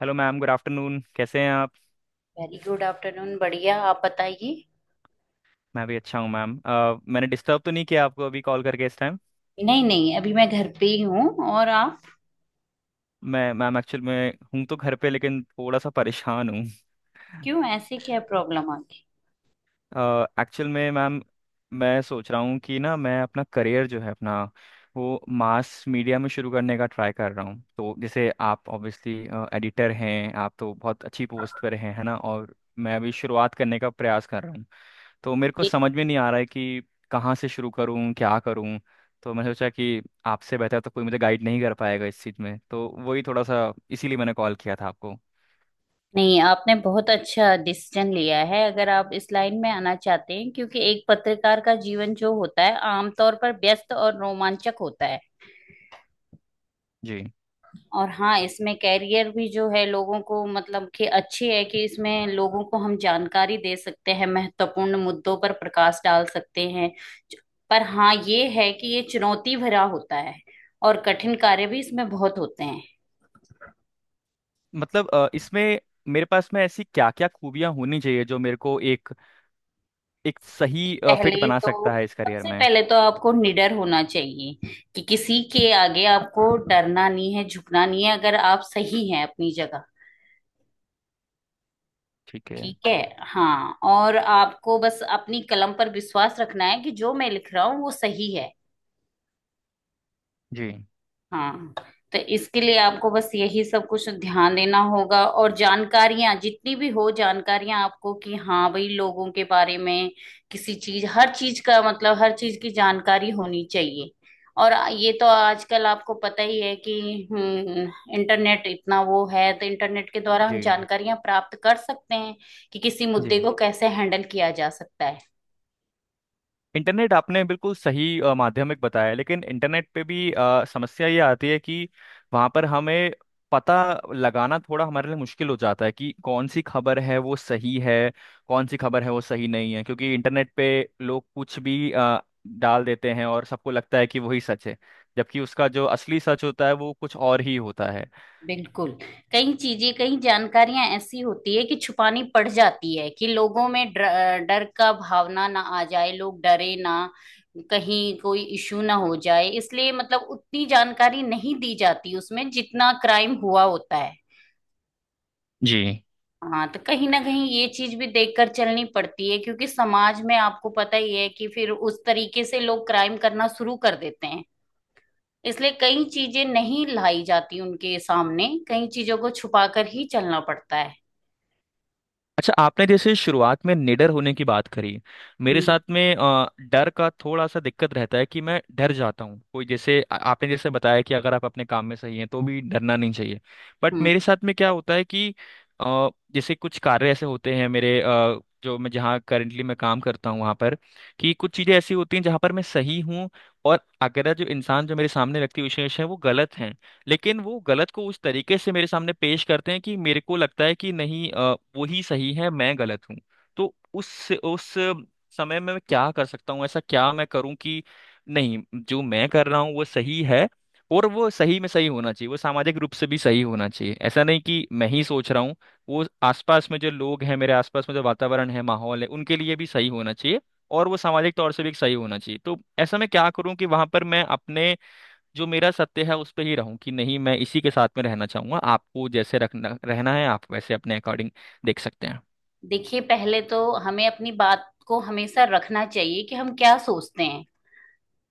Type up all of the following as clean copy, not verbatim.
Hello ma'am, good afternoon. कैसे हैं आप? Very good afternoon. बढ़िया, आप बताइए। मैं भी अच्छा हूँ मैम। मैंने डिस्टर्ब तो नहीं किया आपको अभी कॉल करके इस टाइम? नहीं नहीं, अभी मैं घर पे ही हूँ। और आप? मैं मैम एक्चुअल में हूँ तो घर पे, लेकिन थोड़ा सा परेशान हूँ। क्यों, ऐसे क्या प्रॉब्लम आ गई? एक्चुअल में मैम, मैं सोच रहा हूँ कि ना, मैं अपना करियर जो है अपना, वो मास मीडिया में शुरू करने का ट्राई कर रहा हूँ। तो जैसे आप ऑब्वियसली एडिटर हैं, आप तो बहुत अच्छी पोस्ट पर हैं, है ना, और मैं अभी शुरुआत करने का प्रयास कर रहा हूँ। तो मेरे को ये समझ में नहीं आ रहा है कि कहाँ से शुरू करूँ, क्या करूँ। तो मैंने सोचा कि आपसे बेहतर तो कोई मुझे गाइड नहीं कर पाएगा इस चीज़ में, तो वही थोड़ा सा इसीलिए मैंने कॉल किया था आपको। नहीं, आपने बहुत अच्छा डिसीजन लिया है अगर आप इस लाइन में आना चाहते हैं, क्योंकि एक पत्रकार का जीवन जो होता है आमतौर पर व्यस्त और रोमांचक होता है। जी। और हाँ, इसमें कैरियर भी जो है, लोगों को मतलब कि अच्छी है कि इसमें लोगों को हम जानकारी दे सकते हैं, महत्वपूर्ण मुद्दों पर प्रकाश डाल सकते हैं। पर हाँ, ये है कि ये चुनौती भरा होता है और कठिन कार्य भी इसमें बहुत होते हैं। मतलब इसमें मेरे पास में ऐसी क्या क्या खूबियाँ होनी चाहिए जो मेरे को एक, एक सही सबसे फिट पहले बना तो सकता है इस करियर सबसे में? पहले तो आपको निडर होना चाहिए, कि किसी के आगे आपको डरना नहीं है, झुकना नहीं है, अगर आप सही हैं अपनी जगह। ठीक है। ठीक है हाँ, और आपको बस अपनी कलम पर विश्वास रखना है कि जो मैं लिख रहा हूँ वो सही है। जी हाँ, तो इसके लिए आपको बस यही सब कुछ ध्यान देना होगा, और जानकारियां जितनी भी हो जानकारियां आपको, कि हाँ भाई लोगों के बारे में किसी चीज हर चीज का मतलब हर चीज की जानकारी होनी चाहिए। और ये तो आजकल आपको पता ही है कि हम्म इंटरनेट इतना वो है, तो इंटरनेट के द्वारा हम जी जानकारियां प्राप्त कर सकते हैं कि किसी मुद्दे जी। को कैसे हैंडल किया जा सकता है। इंटरनेट आपने बिल्कुल सही माध्यमिक बताया, लेकिन इंटरनेट पे भी समस्या ये आती है कि वहाँ पर हमें पता लगाना थोड़ा हमारे लिए मुश्किल हो जाता है कि कौन सी खबर है वो सही है, कौन सी खबर है वो सही नहीं है। क्योंकि इंटरनेट पे लोग कुछ भी डाल देते हैं और सबको लगता है कि वही सच है, जबकि उसका जो असली सच होता है वो कुछ और ही होता है। बिल्कुल। कई चीजें कई जानकारियां ऐसी होती है कि छुपानी पड़ जाती है, कि लोगों में डर का भावना ना आ जाए, लोग डरे ना, कहीं कोई इशू ना हो जाए, इसलिए मतलब उतनी जानकारी नहीं दी जाती उसमें जितना क्राइम हुआ होता है। जी। हाँ, तो कहीं ना कहीं ये चीज भी देखकर चलनी पड़ती है, क्योंकि समाज में आपको पता ही है कि फिर उस तरीके से लोग क्राइम करना शुरू कर देते हैं। इसलिए कई चीजें नहीं लाई जाती उनके सामने, कई चीजों को छुपा कर ही चलना पड़ता है। अच्छा, आपने जैसे शुरुआत में निडर होने की बात करी। मेरे हम्म। साथ में डर का थोड़ा सा दिक्कत रहता है कि मैं डर जाता हूँ कोई जैसे आपने जैसे बताया कि अगर आप अपने काम में सही हैं तो भी डरना नहीं चाहिए, बट हम्म। मेरे साथ में क्या होता है कि अ, जैसे कुछ कार्य ऐसे होते हैं मेरे जो मैं जहाँ करंटली मैं काम करता हूँ वहाँ पर, कि कुछ चीज़ें ऐसी होती हैं जहाँ पर मैं सही हूँ, और अगर जो इंसान जो मेरे सामने व्यक्ति विशेष है वो गलत है, लेकिन वो गलत को उस तरीके से मेरे सामने पेश करते हैं कि मेरे को लगता है कि नहीं, वो ही सही है, मैं गलत हूँ। तो उस समय में मैं क्या कर सकता हूँ, ऐसा क्या मैं करूँ कि नहीं, जो मैं कर रहा हूँ वो सही है, और वो सही में सही होना चाहिए, वो सामाजिक रूप से भी सही होना चाहिए। ऐसा नहीं कि मैं ही सोच रहा हूँ, वो आसपास में जो लोग हैं, मेरे आसपास में जो वातावरण है, माहौल है, उनके लिए भी सही होना चाहिए, और वो सामाजिक तौर से भी सही होना चाहिए। तो ऐसा मैं क्या करूँ कि वहां पर मैं अपने जो मेरा सत्य है उस पे ही रहूं कि नहीं, मैं इसी के साथ में रहना चाहूंगा, आपको जैसे रखना रहना है आप वैसे अपने अकॉर्डिंग देख सकते हैं। देखिए, पहले तो हमें अपनी बात को हमेशा रखना चाहिए कि हम क्या सोचते हैं।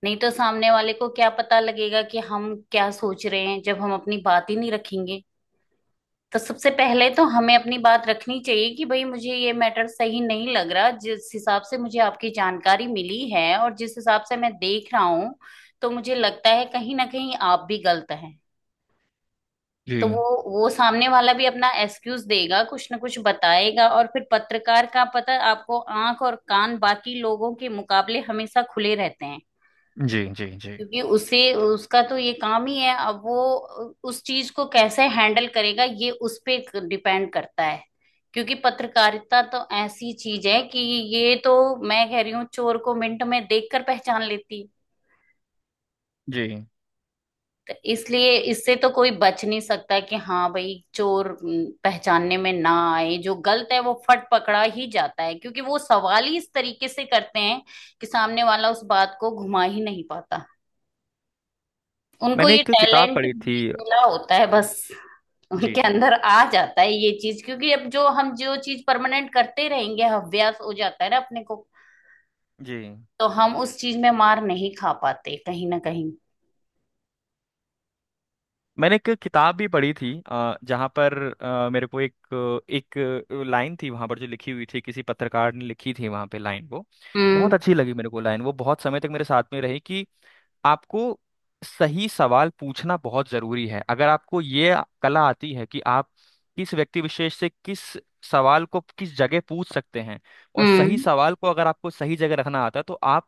नहीं तो सामने वाले को क्या पता लगेगा कि हम क्या सोच रहे हैं, जब हम अपनी बात ही नहीं रखेंगे। तो सबसे पहले तो हमें अपनी बात रखनी चाहिए, कि भाई मुझे ये मैटर सही नहीं लग रहा, जिस हिसाब से मुझे आपकी जानकारी मिली है और जिस हिसाब से मैं देख रहा हूँ, तो मुझे लगता है कहीं ना कहीं आप भी गलत हैं। तो जी वो वो सामने वाला भी अपना एक्सक्यूज देगा, कुछ ना कुछ बताएगा। और फिर पत्रकार का पता है आपको, आंख और कान बाकी लोगों के मुकाबले हमेशा खुले रहते हैं, जी। जी जी क्योंकि उसे उसका तो ये काम ही है। अब वो उस चीज को कैसे हैंडल करेगा ये उस पे डिपेंड करता है, क्योंकि पत्रकारिता तो ऐसी चीज है कि ये तो, मैं कह रही हूँ, चोर को मिनट में देखकर पहचान लेती है। जी। तो इसलिए इससे तो कोई बच नहीं सकता, कि हाँ भाई चोर पहचानने में ना आए, जो गलत है वो फट पकड़ा ही जाता है, क्योंकि वो सवाल ही इस तरीके से करते हैं कि सामने वाला उस बात को घुमा ही नहीं पाता। उनको मैंने ये एक किताब टैलेंट पढ़ी थी। मिला होता है, बस जी उनके जी अंदर आ जाता है ये चीज, क्योंकि अब जो हम जो चीज परमानेंट करते रहेंगे अभ्यास हो जाता है ना अपने को। जी। तो हम उस चीज में मार नहीं खा पाते कहीं ना कहीं। मैंने एक किताब भी पढ़ी थी जहाँ पर मेरे को एक, एक लाइन थी वहाँ पर जो लिखी हुई थी, किसी पत्रकार ने लिखी थी वहाँ पे। लाइन वो हम्म। बहुत अच्छी लगी मेरे को, लाइन वो बहुत समय तक मेरे साथ में रही कि आपको सही सवाल पूछना बहुत जरूरी है। अगर आपको ये कला आती है कि आप किस व्यक्ति विशेष से किस सवाल को किस जगह पूछ सकते हैं, और सही हम्म। सवाल को अगर आपको सही जगह रखना आता है, तो आप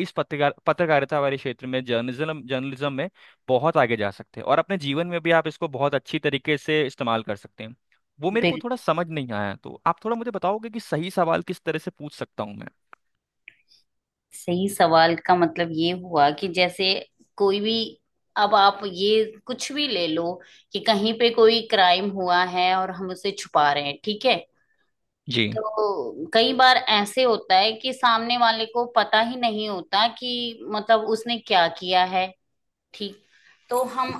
इस पत्रकार पत्रकारिता वाले क्षेत्र में, जर्नलिज्म जर्नलिज्म में बहुत आगे जा सकते हैं, और अपने जीवन में भी आप इसको बहुत अच्छी तरीके से इस्तेमाल कर सकते हैं। वो मेरे को थोड़ा समझ नहीं आया, तो आप थोड़ा मुझे बताओगे कि सही सवाल किस तरह से पूछ सकता हूँ मैं? सही सवाल का मतलब ये हुआ कि जैसे कोई भी, अब आप ये कुछ भी ले लो, कि कहीं पे कोई क्राइम हुआ है और हम उसे छुपा रहे हैं, ठीक है। जी। तो कई बार ऐसे होता है कि सामने वाले को पता ही नहीं होता कि मतलब उसने क्या किया है, ठीक। तो हम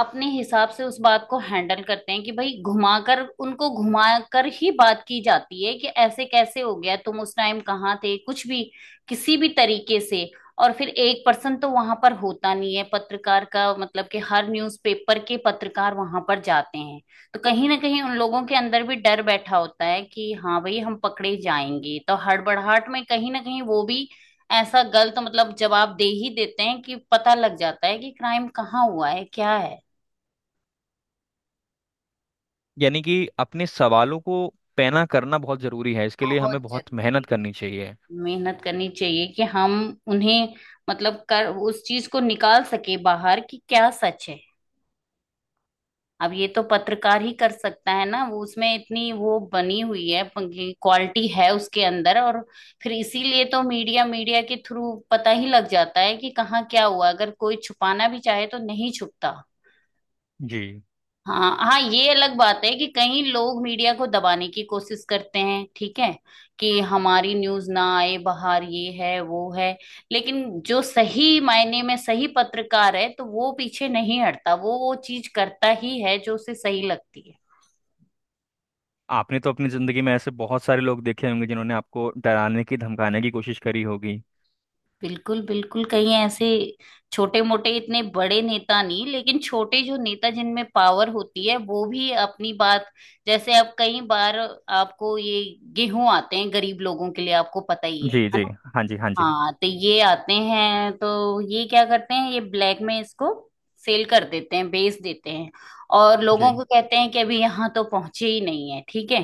अपने हिसाब से उस बात को हैंडल करते हैं, कि भाई घुमाकर उनको घुमाकर ही बात की जाती है, कि ऐसे कैसे हो गया, तुम उस टाइम कहाँ थे, कुछ भी, किसी भी तरीके से। और फिर एक पर्सन तो वहां पर होता नहीं है पत्रकार का, मतलब कि हर न्यूज़पेपर के पत्रकार वहां पर जाते हैं। तो कहीं ना कहीं उन लोगों के अंदर भी डर बैठा होता है कि हाँ भाई हम पकड़े जाएंगे, तो हड़बड़ाहट में कहीं ना कहीं वो भी ऐसा गलत, मतलब जवाब दे ही देते हैं कि पता लग जाता है कि क्राइम कहाँ हुआ है क्या है। यानी कि अपने सवालों को पैना करना बहुत जरूरी है, इसके लिए बहुत हमें बहुत जरूरी मेहनत करनी चाहिए। है, मेहनत करनी चाहिए, कि हम उन्हें मतलब कर उस चीज को निकाल सके बाहर कि क्या सच है। अब ये तो पत्रकार ही कर सकता है ना, वो उसमें इतनी वो बनी हुई है, क्वालिटी है उसके अंदर। और फिर इसीलिए तो मीडिया मीडिया के थ्रू पता ही लग जाता है कि कहाँ क्या हुआ, अगर कोई छुपाना भी चाहे तो नहीं छुपता। जी। हाँ हाँ, ये अलग बात है कि कई लोग मीडिया को दबाने की कोशिश करते हैं, ठीक है, कि हमारी न्यूज ना आए बाहर, ये है वो है। लेकिन जो सही मायने में सही पत्रकार है तो वो पीछे नहीं हटता, वो चीज करता ही है जो उसे सही लगती है। आपने तो अपनी जिंदगी में ऐसे बहुत सारे लोग देखे होंगे जिन्होंने आपको डराने की, धमकाने की कोशिश करी होगी। बिल्कुल बिल्कुल। कहीं ऐसे छोटे मोटे, इतने बड़े नेता नहीं लेकिन छोटे जो नेता जिनमें पावर होती है वो भी अपनी बात। जैसे अब कई बार, आपको ये गेहूं आते हैं गरीब लोगों के लिए, आपको पता ही है जी है। जी। हाँ जी, हाँ जी। हाँ, तो ये आते हैं, तो ये क्या करते हैं, ये ब्लैक में इसको सेल कर देते हैं, बेच देते हैं, और लोगों जी को कहते हैं कि अभी यहाँ तो पहुंचे ही नहीं है, ठीक है।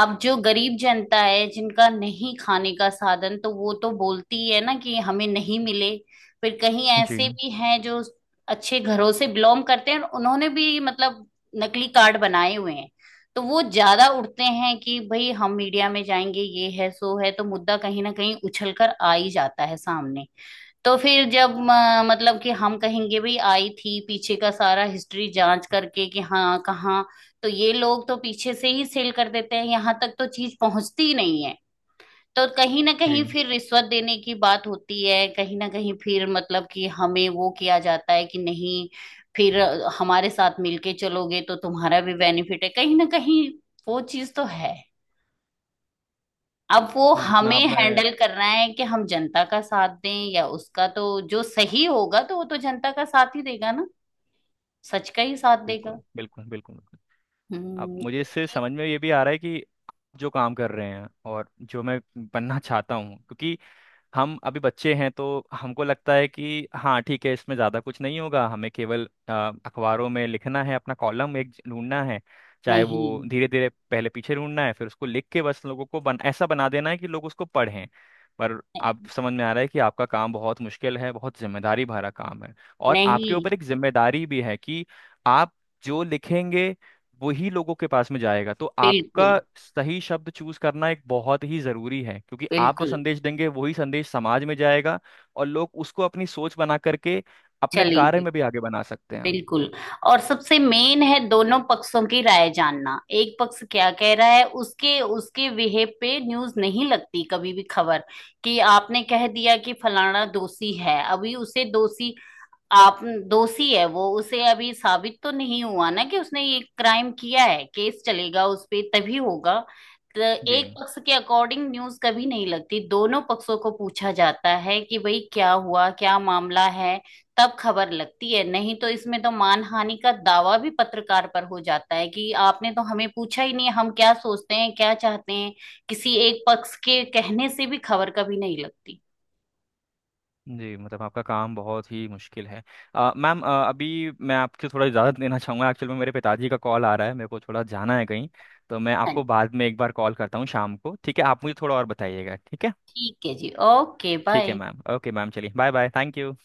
अब जो गरीब जनता है जिनका नहीं खाने का साधन, तो वो तो बोलती है ना कि हमें नहीं मिले। फिर कहीं जी। ऐसे भी हैं जो अच्छे घरों से बिलोंग करते हैं और उन्होंने भी, मतलब, नकली कार्ड बनाए हुए हैं, तो वो ज्यादा उठते हैं कि भाई हम मीडिया में जाएंगे ये है सो है, तो मुद्दा कहीं ना कहीं उछल कर आ ही जाता है सामने। तो फिर जब मतलब कि हम कहेंगे भाई आई थी, पीछे का सारा हिस्ट्री जांच करके कि हाँ कहाँ, तो ये लोग तो पीछे से ही सेल कर देते हैं, यहाँ तक तो चीज पहुंचती ही नहीं है। तो कहीं ना कहीं जी फिर रिश्वत देने की बात होती है, कहीं ना कहीं फिर मतलब कि हमें वो किया जाता है कि नहीं, फिर हमारे साथ मिलके चलोगे तो तुम्हारा भी बेनिफिट है कहीं ना कहीं, वो चीज तो है। अब वो जितना हमें आपने। हैंडल करना है कि हम जनता का साथ दें या उसका, तो जो सही होगा तो वो तो जनता का साथ ही देगा ना, सच का ही साथ देगा। बिल्कुल बिल्कुल बिल्कुल बिल्कुल। अब हम्म। मुझे इससे समझ में ये भी आ रहा है कि आप जो काम कर रहे हैं और जो मैं बनना चाहता हूँ, क्योंकि हम अभी बच्चे हैं, तो हमको लगता है कि हाँ ठीक है, इसमें ज़्यादा कुछ नहीं होगा, हमें केवल अखबारों में लिखना है, अपना कॉलम एक ढूंढना है, चाहे वो नहीं धीरे धीरे पहले पीछे ढूंढना है, फिर उसको लिख के बस लोगों को बन ऐसा बना देना है कि लोग उसको पढ़ें। पर आप नहीं समझ में आ रहा है कि आपका काम बहुत मुश्किल है, बहुत जिम्मेदारी भरा काम है, और आपके नहीं। ऊपर एक जिम्मेदारी भी है कि आप जो लिखेंगे वही लोगों के पास में जाएगा। तो आपका बिल्कुल सही शब्द चूज करना एक बहुत ही जरूरी है, क्योंकि आप जो बिल्कुल। संदेश देंगे वही संदेश समाज में जाएगा, और लोग उसको अपनी सोच बना करके अपने कार्य चलेंगे। में भी आगे बना सकते हैं। बिल्कुल। और सबसे मेन है दोनों पक्षों की राय जानना, एक पक्ष क्या कह रहा है उसके उसके बिहेव पे न्यूज नहीं लगती कभी भी, खबर कि आपने कह दिया कि फलाना दोषी है, अभी उसे दोषी, आप, दोषी है वो, उसे अभी साबित तो नहीं हुआ ना कि उसने ये क्राइम किया है, केस चलेगा उस पे तभी होगा। तो एक जी। पक्ष के अकॉर्डिंग न्यूज कभी नहीं लगती, दोनों पक्षों को पूछा जाता है कि भाई क्या हुआ क्या मामला है, तब खबर लगती है। नहीं तो इसमें तो मानहानि का दावा भी पत्रकार पर हो जाता है कि आपने तो हमें पूछा ही नहीं हम क्या सोचते हैं क्या चाहते हैं। किसी एक पक्ष के कहने से भी खबर कभी नहीं लगती। जी मतलब आपका काम बहुत ही मुश्किल है। मैम अभी मैं आपसे थोड़ा इजाज़त लेना चाहूँगा, एक्चुअल में मेरे पिताजी का कॉल आ रहा है, मेरे को थोड़ा जाना है कहीं। तो मैं हाँ, आपको बाद में एक बार कॉल करता हूँ शाम को, ठीक है? आप मुझे थोड़ा और बताइएगा, ठीक है? ठीक है जी, ओके ठीक है बाय। मैम, ओके मैम, चलिए, बाय बाय, थैंक यू।